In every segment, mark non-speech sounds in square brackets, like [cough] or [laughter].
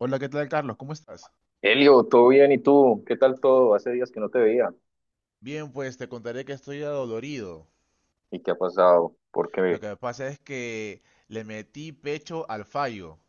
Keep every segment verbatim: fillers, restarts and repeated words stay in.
Hola, ¿qué tal, Carlos? ¿Cómo estás? Elio, ¿todo bien? ¿Y tú? ¿Qué tal todo? Hace días que no te veía. Bien, pues te contaré que estoy adolorido. ¿Y qué ha pasado? ¿Por Lo qué? que me pasa es que le metí pecho al fallo.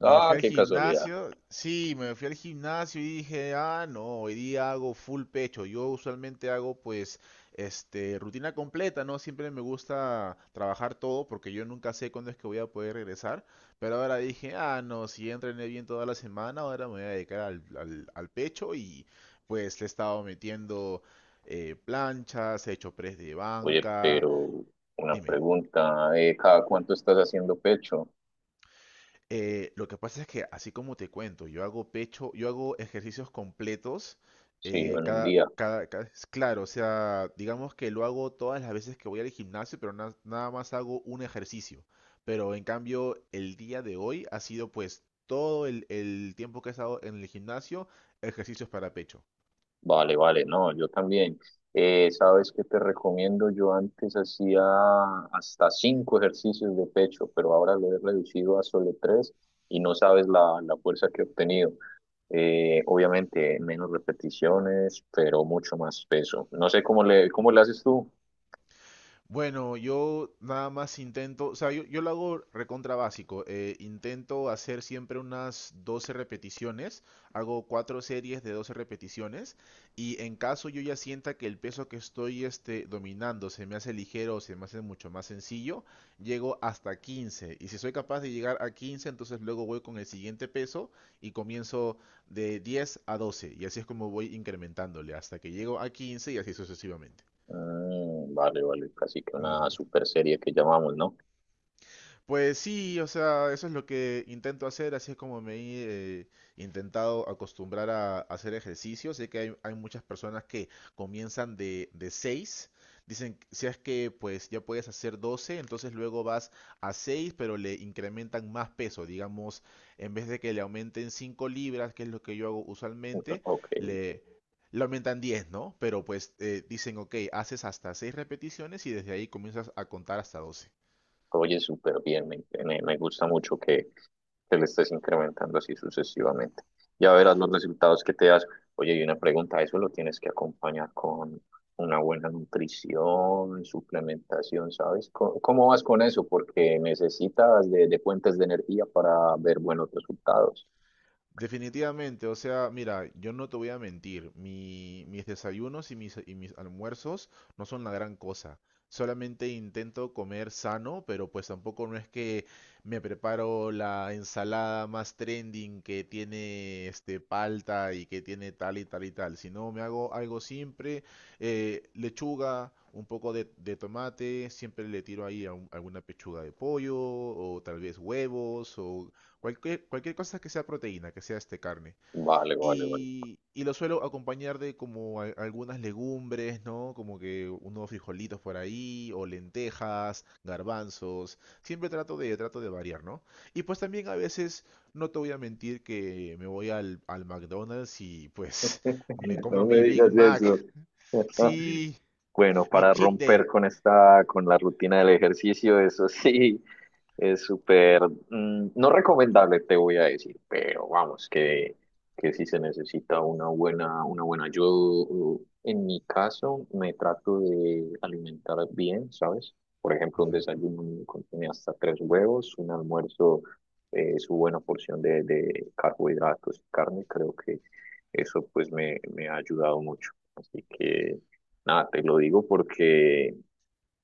Me Ah, fui al qué casualidad. gimnasio, sí, me fui al gimnasio y dije, ah, no, hoy día hago full pecho. Yo usualmente hago pues, este, rutina completa, ¿no? Siempre me gusta trabajar todo porque yo nunca sé cuándo es que voy a poder regresar. Pero ahora dije, ah, no, si ya entrené bien toda la semana, ahora me voy a dedicar al, al- al pecho y pues le he estado metiendo eh, planchas, he hecho press de Oye, banca. pero una Dime. pregunta, eh, ¿cada cuánto estás haciendo pecho? Eh, lo que pasa es que, así como te cuento, yo hago pecho, yo hago ejercicios completos, Sí, eh, en un cada, día. cada, cada- es claro, o sea, digamos que lo hago todas las veces que voy al gimnasio, pero na- nada más hago un ejercicio. Pero en cambio, el día de hoy ha sido pues todo el, el tiempo que he estado en el gimnasio, ejercicios para pecho. Vale, vale, no, yo también. Eh, ¿sabes qué te recomiendo? Yo antes hacía hasta cinco ejercicios de pecho, pero ahora lo he reducido a solo tres y no sabes la, la fuerza que he obtenido. Eh, obviamente, menos repeticiones, pero mucho más peso. No sé cómo le, cómo le haces tú. Bueno, yo nada más intento, o sea, yo, yo lo hago recontra básico. Eh, intento hacer siempre unas doce repeticiones. Hago cuatro series de doce repeticiones. Y en caso yo ya sienta que el peso que estoy este, dominando se me hace ligero o se me hace mucho más sencillo, llego hasta quince. Y si soy capaz de llegar a quince, entonces luego voy con el siguiente peso y comienzo de diez a doce. Y así es como voy incrementándole hasta que llego a quince y así sucesivamente. Mm, vale, vale, casi que una super serie que llamamos, ¿no? Pues sí, o sea, eso es lo que intento hacer, así es como me he eh, intentado acostumbrar a, a hacer ejercicio. Sé que hay, hay muchas personas que comienzan de, de seis, dicen, si es que pues ya puedes hacer doce, entonces luego vas a seis, pero le incrementan más peso, digamos, en vez de que le aumenten cinco libras, que es lo que yo hago [laughs] usualmente, Ok, le... Le aumentan diez, ¿no? Pero pues eh, dicen, ok, haces hasta seis repeticiones y desde ahí comienzas a contar hasta doce. oye, súper bien, me, me me gusta mucho que que le estés incrementando así sucesivamente. Ya verás los resultados que te das. Oye, y una pregunta, eso lo tienes que acompañar con una buena nutrición, suplementación, ¿sabes? ¿Cómo, ¿cómo vas con eso? Porque necesitas de, de fuentes de energía para ver buenos resultados. Definitivamente, o sea, mira, yo no te voy a mentir, mi- mis desayunos y mis, y mis almuerzos no son la gran cosa. Solamente intento comer sano, pero pues tampoco no es que me preparo la ensalada más trending que tiene este palta y que tiene tal y tal y tal, sino me hago algo simple, eh, lechuga, un poco de, de tomate, siempre le tiro ahí a un- alguna pechuga de pollo o tal vez huevos o cualquier, cualquier cosa que sea proteína, que sea este carne. Vale, vale, vale. Y, y lo suelo acompañar de como a- algunas legumbres, ¿no? Como que unos frijolitos por ahí, o lentejas, garbanzos. Siempre trato de, trato de variar, ¿no? Y pues también a veces, no te voy a mentir que me voy al, al McDonald's y pues [laughs] me [laughs] compro No me mi Big digas Mac. eso. [laughs] [laughs] Sí, Bueno, mi para cheat day. romper con esta, con la rutina del ejercicio, eso sí, es súper, mm, no recomendable, te voy a decir, pero vamos, que, que si se necesita una buena, una buena. Yo, en mi caso, me trato de alimentar bien, ¿sabes? Por ejemplo, un Ujú. desayuno contiene hasta tres huevos, un almuerzo, eh, su buena porción de, de carbohidratos y carne, creo que eso pues me, me ha ayudado mucho. Así que, nada, te lo digo porque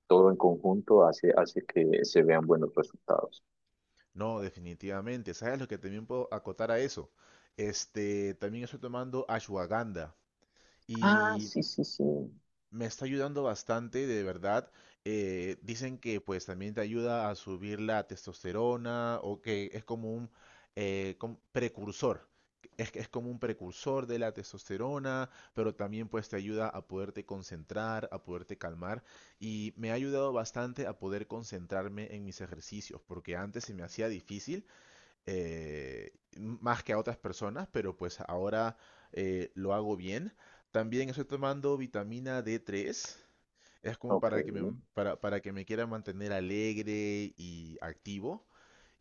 todo en conjunto hace, hace que se vean buenos resultados. No, definitivamente. ¿Sabes lo que también puedo acotar a eso? Este, también estoy tomando ashwagandha, Ah, y sí, sí, sí. me está ayudando bastante, de verdad. Eh, dicen que pues también te ayuda a subir la testosterona o que es como un eh, com- precursor. Es, que es como un precursor de la testosterona, pero también pues te ayuda a poderte concentrar, a poderte calmar y me ha ayudado bastante a poder concentrarme en mis ejercicios, porque antes se me hacía difícil eh, más que a otras personas, pero pues ahora eh, lo hago bien. También estoy tomando vitamina D tres. Es como Ok. para que me, para, para que me quiera mantener alegre y activo.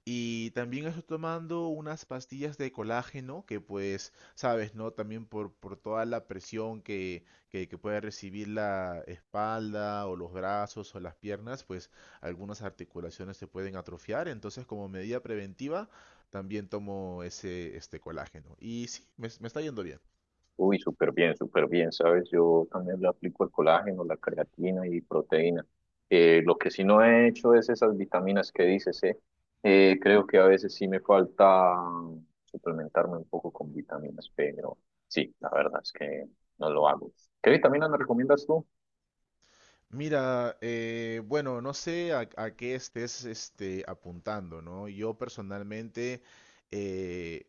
Y también estoy tomando unas pastillas de colágeno que pues, sabes, ¿no? También por, por toda la presión que, que, que puede recibir la espalda o los brazos o las piernas, pues algunas articulaciones se pueden atrofiar. Entonces, como medida preventiva, también tomo ese este colágeno. Y sí, me, me está yendo bien. Uy, súper bien, súper bien, ¿sabes? Yo también le aplico el colágeno, la creatina y proteína. Eh, lo que sí no he hecho es esas vitaminas que dices, ¿eh? ¿Eh? Creo que a veces sí me falta suplementarme un poco con vitaminas, pero sí, la verdad es que no lo hago. ¿Qué vitaminas me recomiendas tú? Mira, eh, bueno, no sé a, a qué estés este, apuntando, ¿no? Yo personalmente... eh,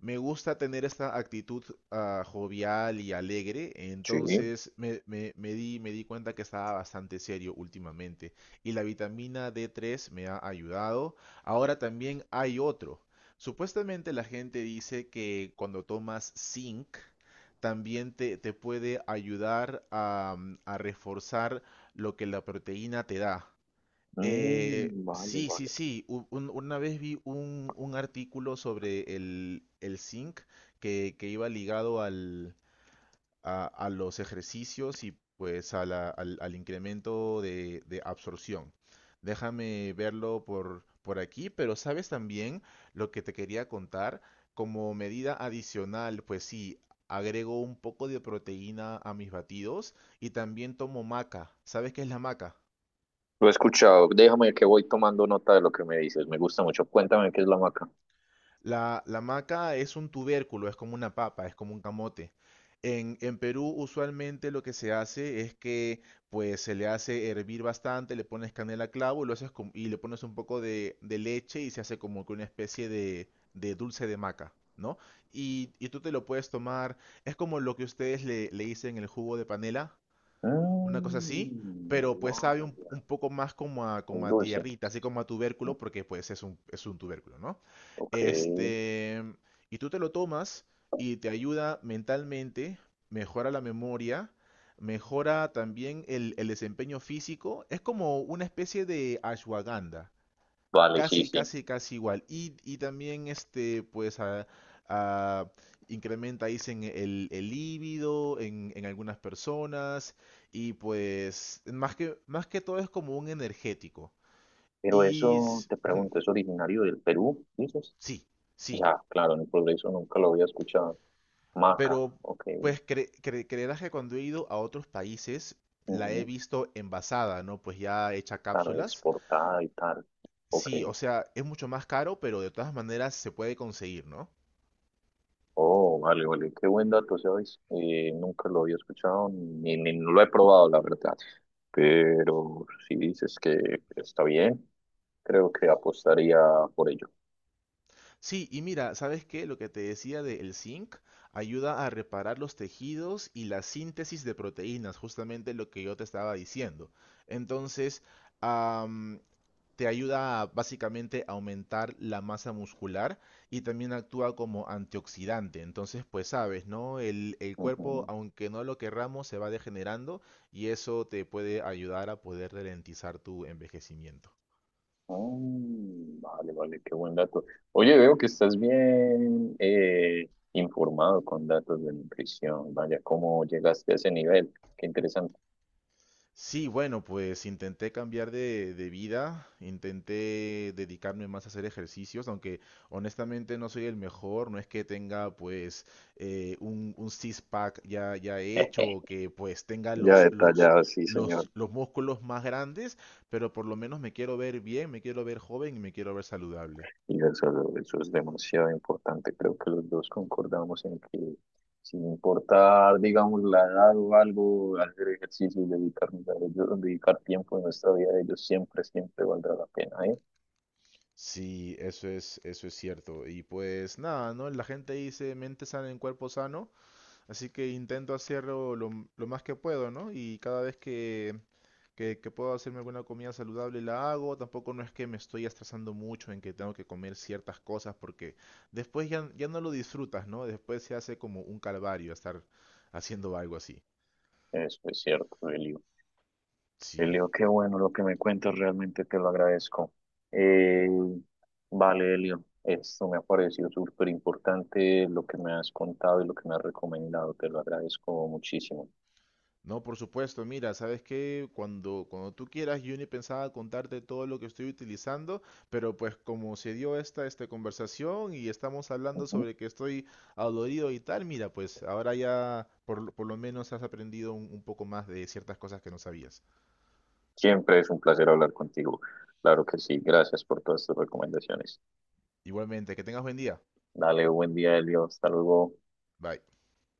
Me gusta tener esta actitud ah, jovial y alegre, Sí. entonces me, me- me di, me di cuenta que estaba bastante serio últimamente y la vitamina D tres me ha ayudado. Ahora también hay otro. Supuestamente la gente dice que cuando tomas zinc también te, te puede ayudar a, mm, a reforzar lo que la proteína te da. Eh, Mm, vale, sí, sí, vale. sí. U- un- una vez vi un, un artículo sobre el, el zinc que, que iba ligado al, a, a los ejercicios y pues a la- al, al incremento de, de absorción. Déjame verlo por, por aquí, pero sabes también lo que te quería contar. Como medida adicional, pues sí, agrego un poco de proteína a mis batidos y también tomo maca. ¿Sabes qué es la maca? Lo he escuchado. Déjame que voy tomando nota de lo que me dices. Me gusta mucho. Cuéntame qué es la maca. La, la maca es un tubérculo, es como una papa, es como un camote. En, en Perú usualmente lo que se hace es que pues se le hace hervir bastante, le pones canela a clavo y, lo haces com- y le pones un poco de, de leche y se hace como que una especie de, de dulce de maca, ¿no? Y, y tú te lo puedes tomar, es como lo que ustedes le, le dicen el jugo de panela, una cosa así, Mm, pero pues sabe un, vaya, un poco más como a, como es a dulce. tierrita, así como a Mm, tubérculo, porque pues es un, es un tubérculo, ¿no? ok, Este, y tú te lo tomas y te ayuda mentalmente, mejora la memoria, mejora también el, el desempeño físico, es como una especie de ashwagandha. vale, sí, Casi, sí. casi, casi igual. Y, y también este, pues, a- a- incrementa, dicen, el, el líbido en, en algunas personas. Y pues, más que, más que todo es como un energético. Pero Y eso, s- te ujú, pregunto, ¿es originario del Perú, dices? sí, sí. Ya, claro, en el progreso nunca lo había escuchado. Maca, Pero, ok. pues, cre- cre- creerás que cuando he ido a otros países, la he Ujú, visto envasada, ¿no? Pues ya hecha claro, cápsulas. exportada y tal. Ok. Sí, o sea, es mucho más caro, pero de todas maneras se puede conseguir, ¿no? Oh, vale, vale. Qué buen dato, ¿sabes? Eh, nunca lo había escuchado ni, ni lo he probado, la verdad. Pero si dices que está bien, creo que apostaría por ello. Sí, y mira, ¿sabes qué? Lo que te decía del zinc ayuda a reparar los tejidos y la síntesis de proteínas, justamente lo que yo te estaba diciendo. Entonces, am, te ayuda a básicamente aumentar la masa muscular y también actúa como antioxidante. Entonces, pues sabes, ¿no? El, el cuerpo, aunque no lo querramos, se va degenerando y eso te puede ayudar a poder ralentizar tu envejecimiento. Mm, vale, vale, qué buen dato. Oye, veo que estás bien eh, informado con datos de nutrición. Vaya, ¿cómo llegaste a ese nivel? Qué interesante. Sí, bueno, pues intenté cambiar de, de vida, intenté dedicarme más a hacer ejercicios, aunque honestamente no soy el mejor, no es que tenga pues eh, un, un six-pack ya, ya hecho [laughs] o que pues tenga Ya los, los, detallado, sí, señor. los, los músculos más grandes, pero por lo menos me quiero ver bien, me quiero ver joven y me quiero ver saludable. Y eso, eso es demasiado importante. Creo que los dos concordamos en que sin importar, digamos, la edad o algo, hacer ejercicio y dedicarnos a ellos, dedicar tiempo de nuestra vida a ellos siempre, siempre valdrá la pena, ¿eh? Sí, eso es, eso es cierto. Y pues nada, ¿no? La gente dice mente sana en cuerpo sano. Así que intento hacerlo lo, lo más que puedo, ¿no? Y cada vez que, que, que puedo hacerme alguna comida saludable la hago. Tampoco no es que me estoy estresando mucho en que tengo que comer ciertas cosas porque después ya, ya no lo disfrutas, ¿no? Después se hace como un calvario estar haciendo algo así. Eso es cierto, Eli. Sí. Elio, qué bueno lo que me cuentas, realmente te lo agradezco. Eh, vale, Elio, esto me ha parecido súper importante lo que me has contado y lo que me has recomendado, te lo agradezco muchísimo. No, por supuesto, mira, sabes que cuando, cuando tú quieras, Juni pensaba contarte todo lo que estoy utilizando, pero pues como se dio esta, esta conversación y estamos hablando Ujú. sobre que estoy adolorido y tal, mira, pues ahora ya por, lo- por lo menos has aprendido un, un poco más de ciertas cosas que no sabías. Siempre es un placer hablar contigo, claro que sí, gracias por todas tus recomendaciones. Igualmente, que tengas buen día. Dale, buen día, Elio, hasta luego. Bye.